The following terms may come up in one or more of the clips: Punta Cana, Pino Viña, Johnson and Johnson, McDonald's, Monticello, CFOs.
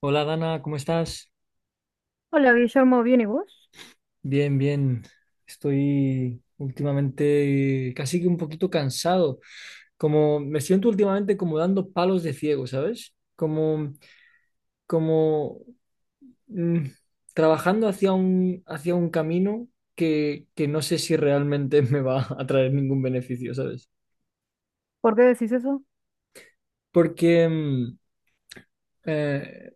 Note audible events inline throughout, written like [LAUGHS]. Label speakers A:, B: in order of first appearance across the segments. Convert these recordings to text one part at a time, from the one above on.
A: Hola Dana, ¿cómo estás?
B: Hola Guillermo, ¿bien y vos?
A: Bien, bien. Estoy últimamente casi que un poquito cansado. Como me siento últimamente como dando palos de ciego, ¿sabes? Como, como mm, trabajando hacia un camino que no sé si realmente [LAUGHS] me va a traer ningún beneficio, ¿sabes?
B: ¿Por qué decís eso?
A: Porque eh,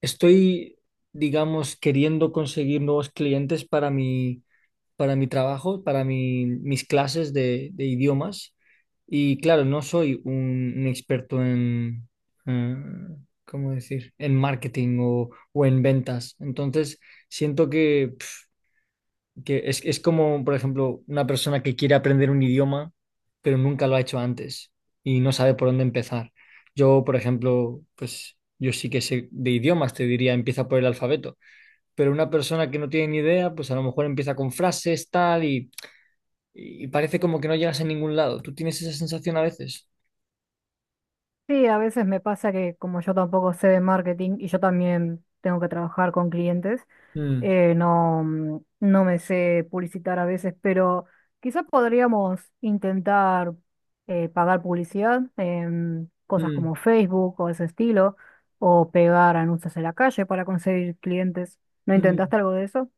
A: estoy, digamos, queriendo conseguir nuevos clientes para mi trabajo, para mis clases de idiomas. Y claro, no soy un experto eh, ¿cómo decir?, en marketing o en ventas. Entonces, siento que es como, por ejemplo, una persona que quiere aprender un idioma, pero nunca lo ha hecho antes y no sabe por dónde empezar. Yo, por ejemplo, pues yo sí que sé de idiomas, te diría, empieza por el alfabeto, pero una persona que no tiene ni idea, pues a lo mejor empieza con frases, tal, y parece como que no llegas a ningún lado. ¿Tú tienes esa sensación a veces?
B: Sí, a veces me pasa que como yo tampoco sé de marketing y yo también tengo que trabajar con clientes,
A: Mm,
B: no, no me sé publicitar a veces, pero quizás podríamos intentar pagar publicidad en cosas
A: mm,
B: como Facebook o ese estilo, o pegar anuncios en la calle para conseguir clientes. ¿No
A: mm.
B: intentaste algo de eso?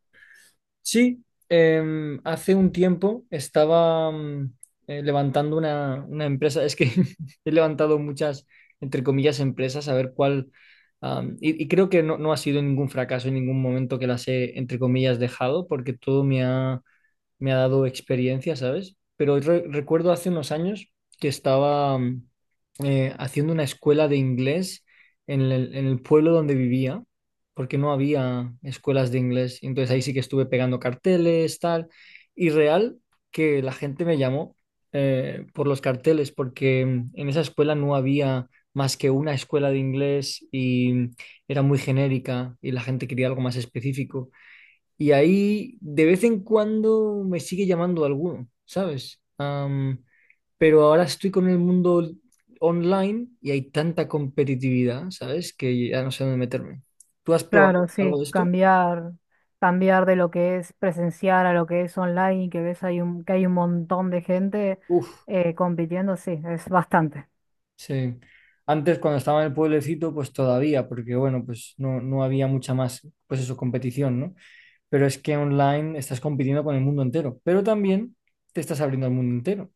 A: Sí, hace un tiempo estaba levantando una empresa. Es que [LAUGHS] he levantado muchas, entre comillas, empresas, a ver cuál... Y creo que no ha sido ningún fracaso en ningún momento que las he, entre comillas, dejado, porque todo me ha dado experiencia, ¿sabes? Pero recuerdo hace unos años que estaba haciendo una escuela de inglés en el pueblo donde vivía, porque no había escuelas de inglés. Entonces ahí sí que estuve pegando carteles, tal, y real que la gente me llamó por los carteles, porque en esa escuela no había más que una escuela de inglés y era muy genérica y la gente quería algo más específico. Y ahí de vez en cuando me sigue llamando alguno, ¿sabes? Pero ahora estoy con el mundo online y hay tanta competitividad, ¿sabes? Que ya no sé dónde meterme. ¿Tú has probado
B: Claro,
A: algo
B: sí,
A: de esto?
B: cambiar de lo que es presencial a lo que es online y que ves que hay un montón de gente
A: Uf,
B: compitiendo, sí, es bastante.
A: sí. Antes, cuando estaba en el pueblecito, pues todavía, porque bueno, pues no había mucha más, pues eso, competición, ¿no? Pero es que online estás compitiendo con el mundo entero, pero también te estás abriendo al mundo entero.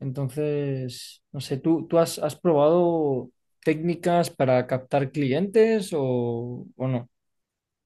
A: Entonces, no sé, ¿tú has probado técnicas para captar clientes o no?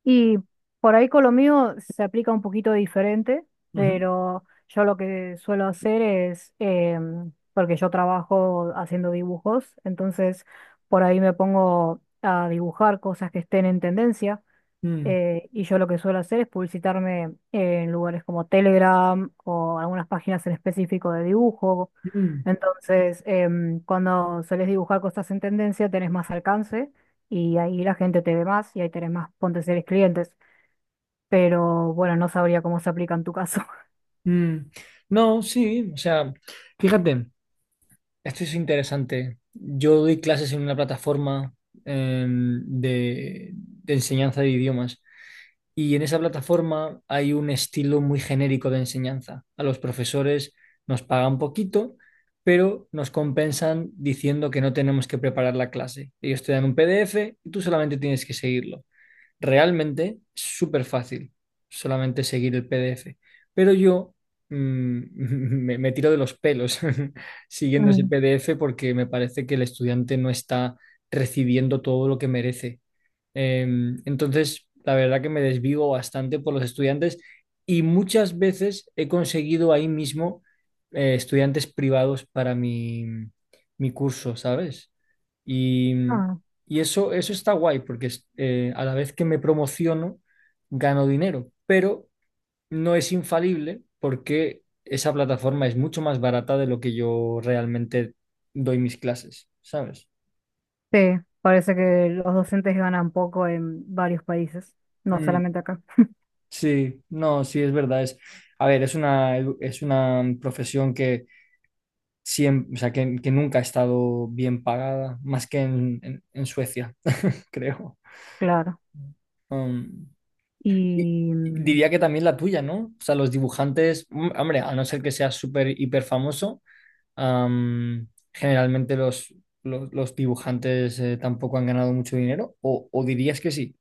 B: Y por ahí con lo mío se aplica un poquito diferente,
A: Ujú.
B: pero yo lo que suelo hacer es, porque yo trabajo haciendo dibujos, entonces por ahí me pongo a dibujar cosas que estén en tendencia.
A: Mm,
B: Y yo lo que suelo hacer es publicitarme en lugares como Telegram o algunas páginas en específico de dibujo.
A: mm,
B: Entonces, cuando solés dibujar cosas en tendencia, tenés más alcance y ahí la gente te ve más y ahí tenés más potenciales clientes. Pero bueno, no sabría cómo se aplica en tu caso. [LAUGHS]
A: mm. No, sí, o sea, fíjate, esto es interesante. Yo doy clases en una plataforma de enseñanza de idiomas. Y en esa plataforma hay un estilo muy genérico de enseñanza. A los profesores nos pagan poquito, pero nos compensan diciendo que no tenemos que preparar la clase. Ellos te dan un PDF y tú solamente tienes que seguirlo. Realmente es súper fácil solamente seguir el PDF. Pero yo mm, [LAUGHS] me tiro de los pelos [LAUGHS] siguiendo ese
B: Mm.
A: PDF porque me parece que el estudiante no está recibiendo todo lo que merece. Entonces, la verdad que me desvivo bastante por los estudiantes y muchas veces he conseguido ahí mismo estudiantes privados para mi curso, ¿sabes? Y,
B: Ah,
A: y eso está guay porque a la vez que me promociono, gano dinero, pero no es infalible porque esa plataforma es mucho más barata de lo que yo realmente doy mis clases, ¿sabes?
B: sí, parece que los docentes ganan poco en varios países, no
A: Mm,
B: solamente acá.
A: sí, no, sí, es verdad. Es, a ver, es una profesión que siempre, o sea, que nunca ha estado bien pagada, más que en, en Suecia, [LAUGHS] creo.
B: Claro.
A: Um, y-
B: Y,
A: y diría que también la tuya, ¿no? O sea, los dibujantes, hombre, a no ser que seas súper hiper famoso, um, generalmente los dibujantes tampoco han ganado mucho dinero, o dirías que sí.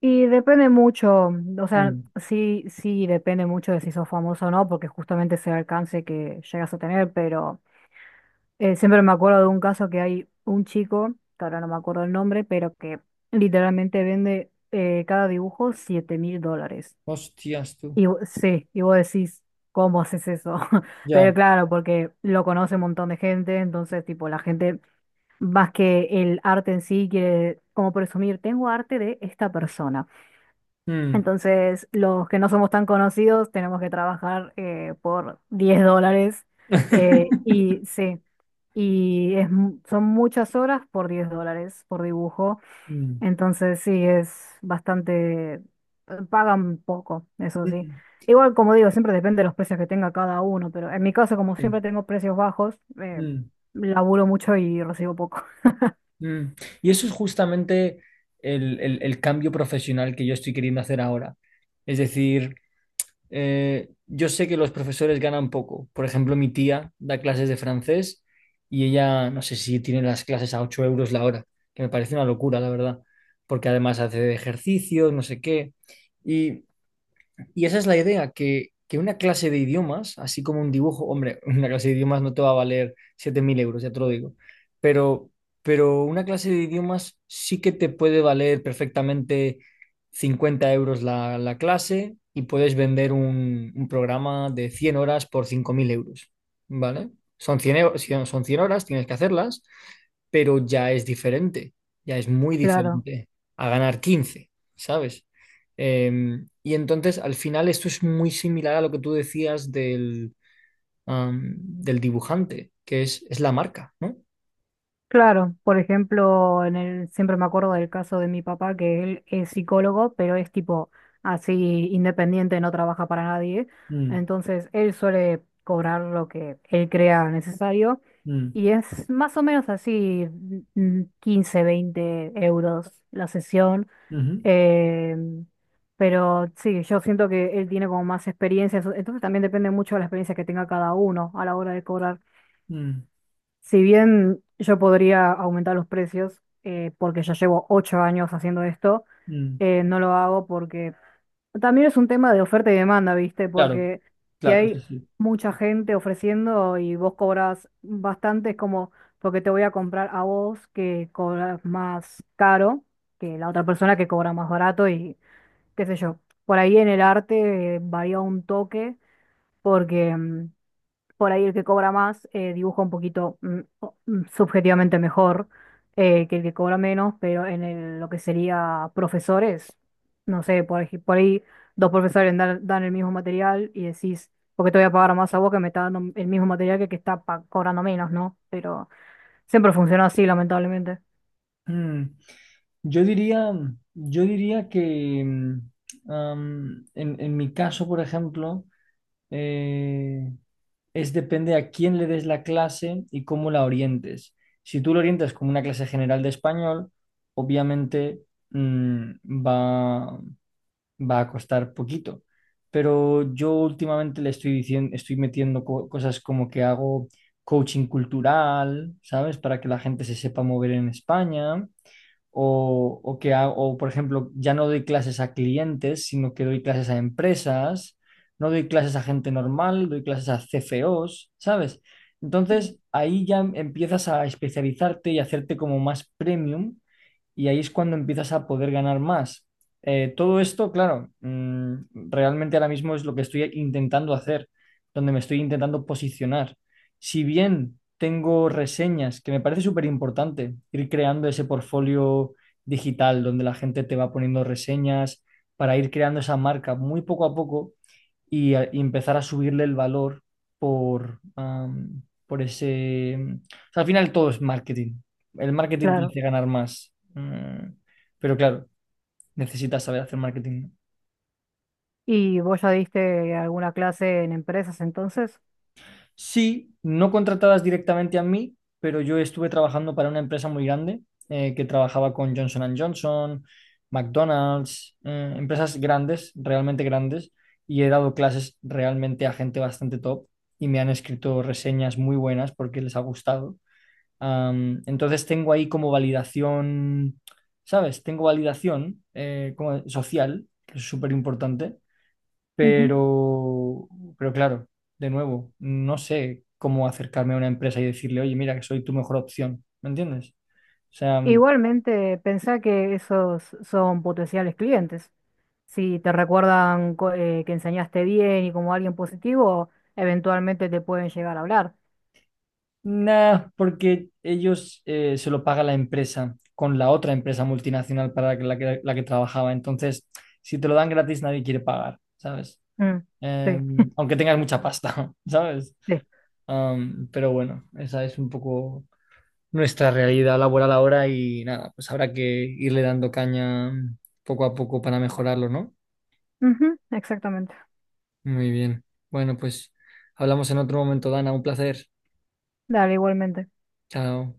B: Y depende mucho, o sea,
A: Mm.
B: sí, sí depende mucho de si sos famoso o no, porque justamente ese alcance que llegas a tener, pero siempre me acuerdo de un caso que hay un chico, que ahora no me acuerdo el nombre, pero que literalmente vende cada dibujo 7.000 dólares.
A: Hostias, tú.
B: Sí, y vos decís, ¿cómo haces eso? [LAUGHS] Pero
A: Ya.
B: claro, porque lo conoce un montón de gente, entonces tipo la gente, más que el arte en sí, quiere como presumir, tengo arte de esta persona.
A: Mm.
B: Entonces, los que no somos tan conocidos tenemos que trabajar por 10 dólares. eh,
A: [LAUGHS]
B: y sí, son muchas horas por 10 dólares por dibujo.
A: Mm.
B: Entonces, sí, es bastante, pagan poco, eso sí.
A: Mm.
B: Igual, como digo, siempre depende de los precios que tenga cada uno, pero en mi caso, como
A: Sí.
B: siempre tengo precios bajos,
A: Mm,
B: laburo mucho y recibo poco.
A: mm. Y eso es justamente el cambio profesional que yo estoy queriendo hacer ahora. Es decir, yo sé que los profesores ganan poco. Por ejemplo, mi tía da clases de francés y ella, no sé si tiene las clases a 8 euros la hora, que me parece una locura, la verdad, porque además hace ejercicios, no sé qué. Y esa es la idea, que, una clase de idiomas, así como un dibujo, hombre, [LAUGHS] una clase de idiomas no te va a valer 7000 euros, ya te lo digo, pero, una clase de idiomas sí que te puede valer perfectamente 50 euros la clase y puedes vender un programa de 100 horas por 5000 euros, ¿vale? Son son 100 horas, tienes que hacerlas, pero ya es diferente, ya es muy
B: [LAUGHS] Claro.
A: diferente a ganar 15, ¿sabes? Y entonces, al final, esto es muy similar a lo que tú decías del dibujante, que es la marca, ¿no?
B: Claro, por ejemplo, siempre me acuerdo del caso de mi papá, que él es psicólogo, pero es tipo así independiente, no trabaja para nadie.
A: Mm,
B: Entonces, él suele cobrar lo que él crea necesario
A: mm,
B: y es más o menos así, 15, 20 € la sesión.
A: ujú,
B: eh, pero sí, yo siento que él tiene como más experiencia, entonces también depende mucho de la experiencia que tenga cada uno a la hora de cobrar.
A: mm,
B: Si bien yo podría aumentar los precios, porque ya llevo 8 años haciendo esto,
A: mm.
B: no lo hago porque también es un tema de oferta y demanda, ¿viste?
A: Claro,
B: Porque si
A: claro, eso
B: hay
A: sí.
B: mucha gente ofreciendo y vos cobras bastante, es como porque te voy a comprar a vos que cobras más caro que la otra persona que cobra más barato y qué sé yo. Por ahí en el arte, varía un toque porque por ahí el que cobra más dibuja un poquito subjetivamente mejor que el que cobra menos, pero lo que sería profesores, no sé, por ahí dos profesores dan el mismo material y decís, ¿por qué te voy a pagar más a vos que me está dando el mismo material que el que está cobrando menos? ¿No? Pero siempre funciona así, lamentablemente.
A: Mm. Yo diría, yo diría que en mi caso, por ejemplo, eh, es depende a quién le des la clase y cómo la orientes. Si tú lo orientas como una clase general de español, obviamente mm, va, va a costar poquito. Pero yo últimamente le estoy diciendo, estoy metiendo cosas como que hago coaching cultural, ¿sabes? Para que la gente se sepa mover en España o, por ejemplo, ya no doy clases a clientes, sino que doy clases a empresas, no doy clases a gente normal, doy clases a CFOs, ¿sabes? Entonces ahí ya empiezas a especializarte y hacerte como más premium y ahí es cuando empiezas a poder ganar más. Todo esto, claro, realmente ahora mismo es lo que estoy intentando hacer, donde me estoy intentando posicionar, si bien tengo reseñas, que me parece súper importante ir creando ese portfolio digital donde la gente te va poniendo reseñas para ir creando esa marca muy poco a poco y empezar a subirle el valor por ese... O sea, al final todo es marketing. El marketing te
B: Claro.
A: hace ganar más. Mm. Pero claro, necesitas saber hacer marketing.
B: ¿Y vos ya diste alguna clase en empresas entonces?
A: Sí, no contratadas directamente a mí, pero yo estuve trabajando para una empresa muy grande que trabajaba con Johnson and Johnson, McDonald's, empresas grandes, realmente grandes, y he dado clases realmente a gente bastante top y me han escrito reseñas muy buenas porque les ha gustado. Entonces tengo ahí como validación, ¿sabes? Tengo validación como social, que es súper importante. Pero, pero claro, de nuevo, no sé cómo acercarme a una empresa y decirle, oye, mira, que soy tu mejor opción, ¿me entiendes? O sea,
B: Igualmente, pensá que esos son potenciales clientes. Si te recuerdan que enseñaste bien y como alguien positivo, eventualmente te pueden llegar a hablar.
A: nada, porque ellos se lo paga la empresa con la otra empresa multinacional para la que trabajaba. Entonces, si te lo dan gratis, nadie quiere pagar, ¿sabes?
B: Mm,
A: Eh,
B: sí,
A: aunque tengas mucha pasta, [LAUGHS] ¿sabes?
B: sí.
A: Pero bueno, esa es un poco nuestra realidad laboral ahora y nada, pues habrá que irle dando caña poco a poco para mejorarlo, ¿no?
B: Ujú, exactamente.
A: Muy bien. Bueno, pues hablamos en otro momento, Dana. Un placer.
B: Dale, igualmente.
A: Chao.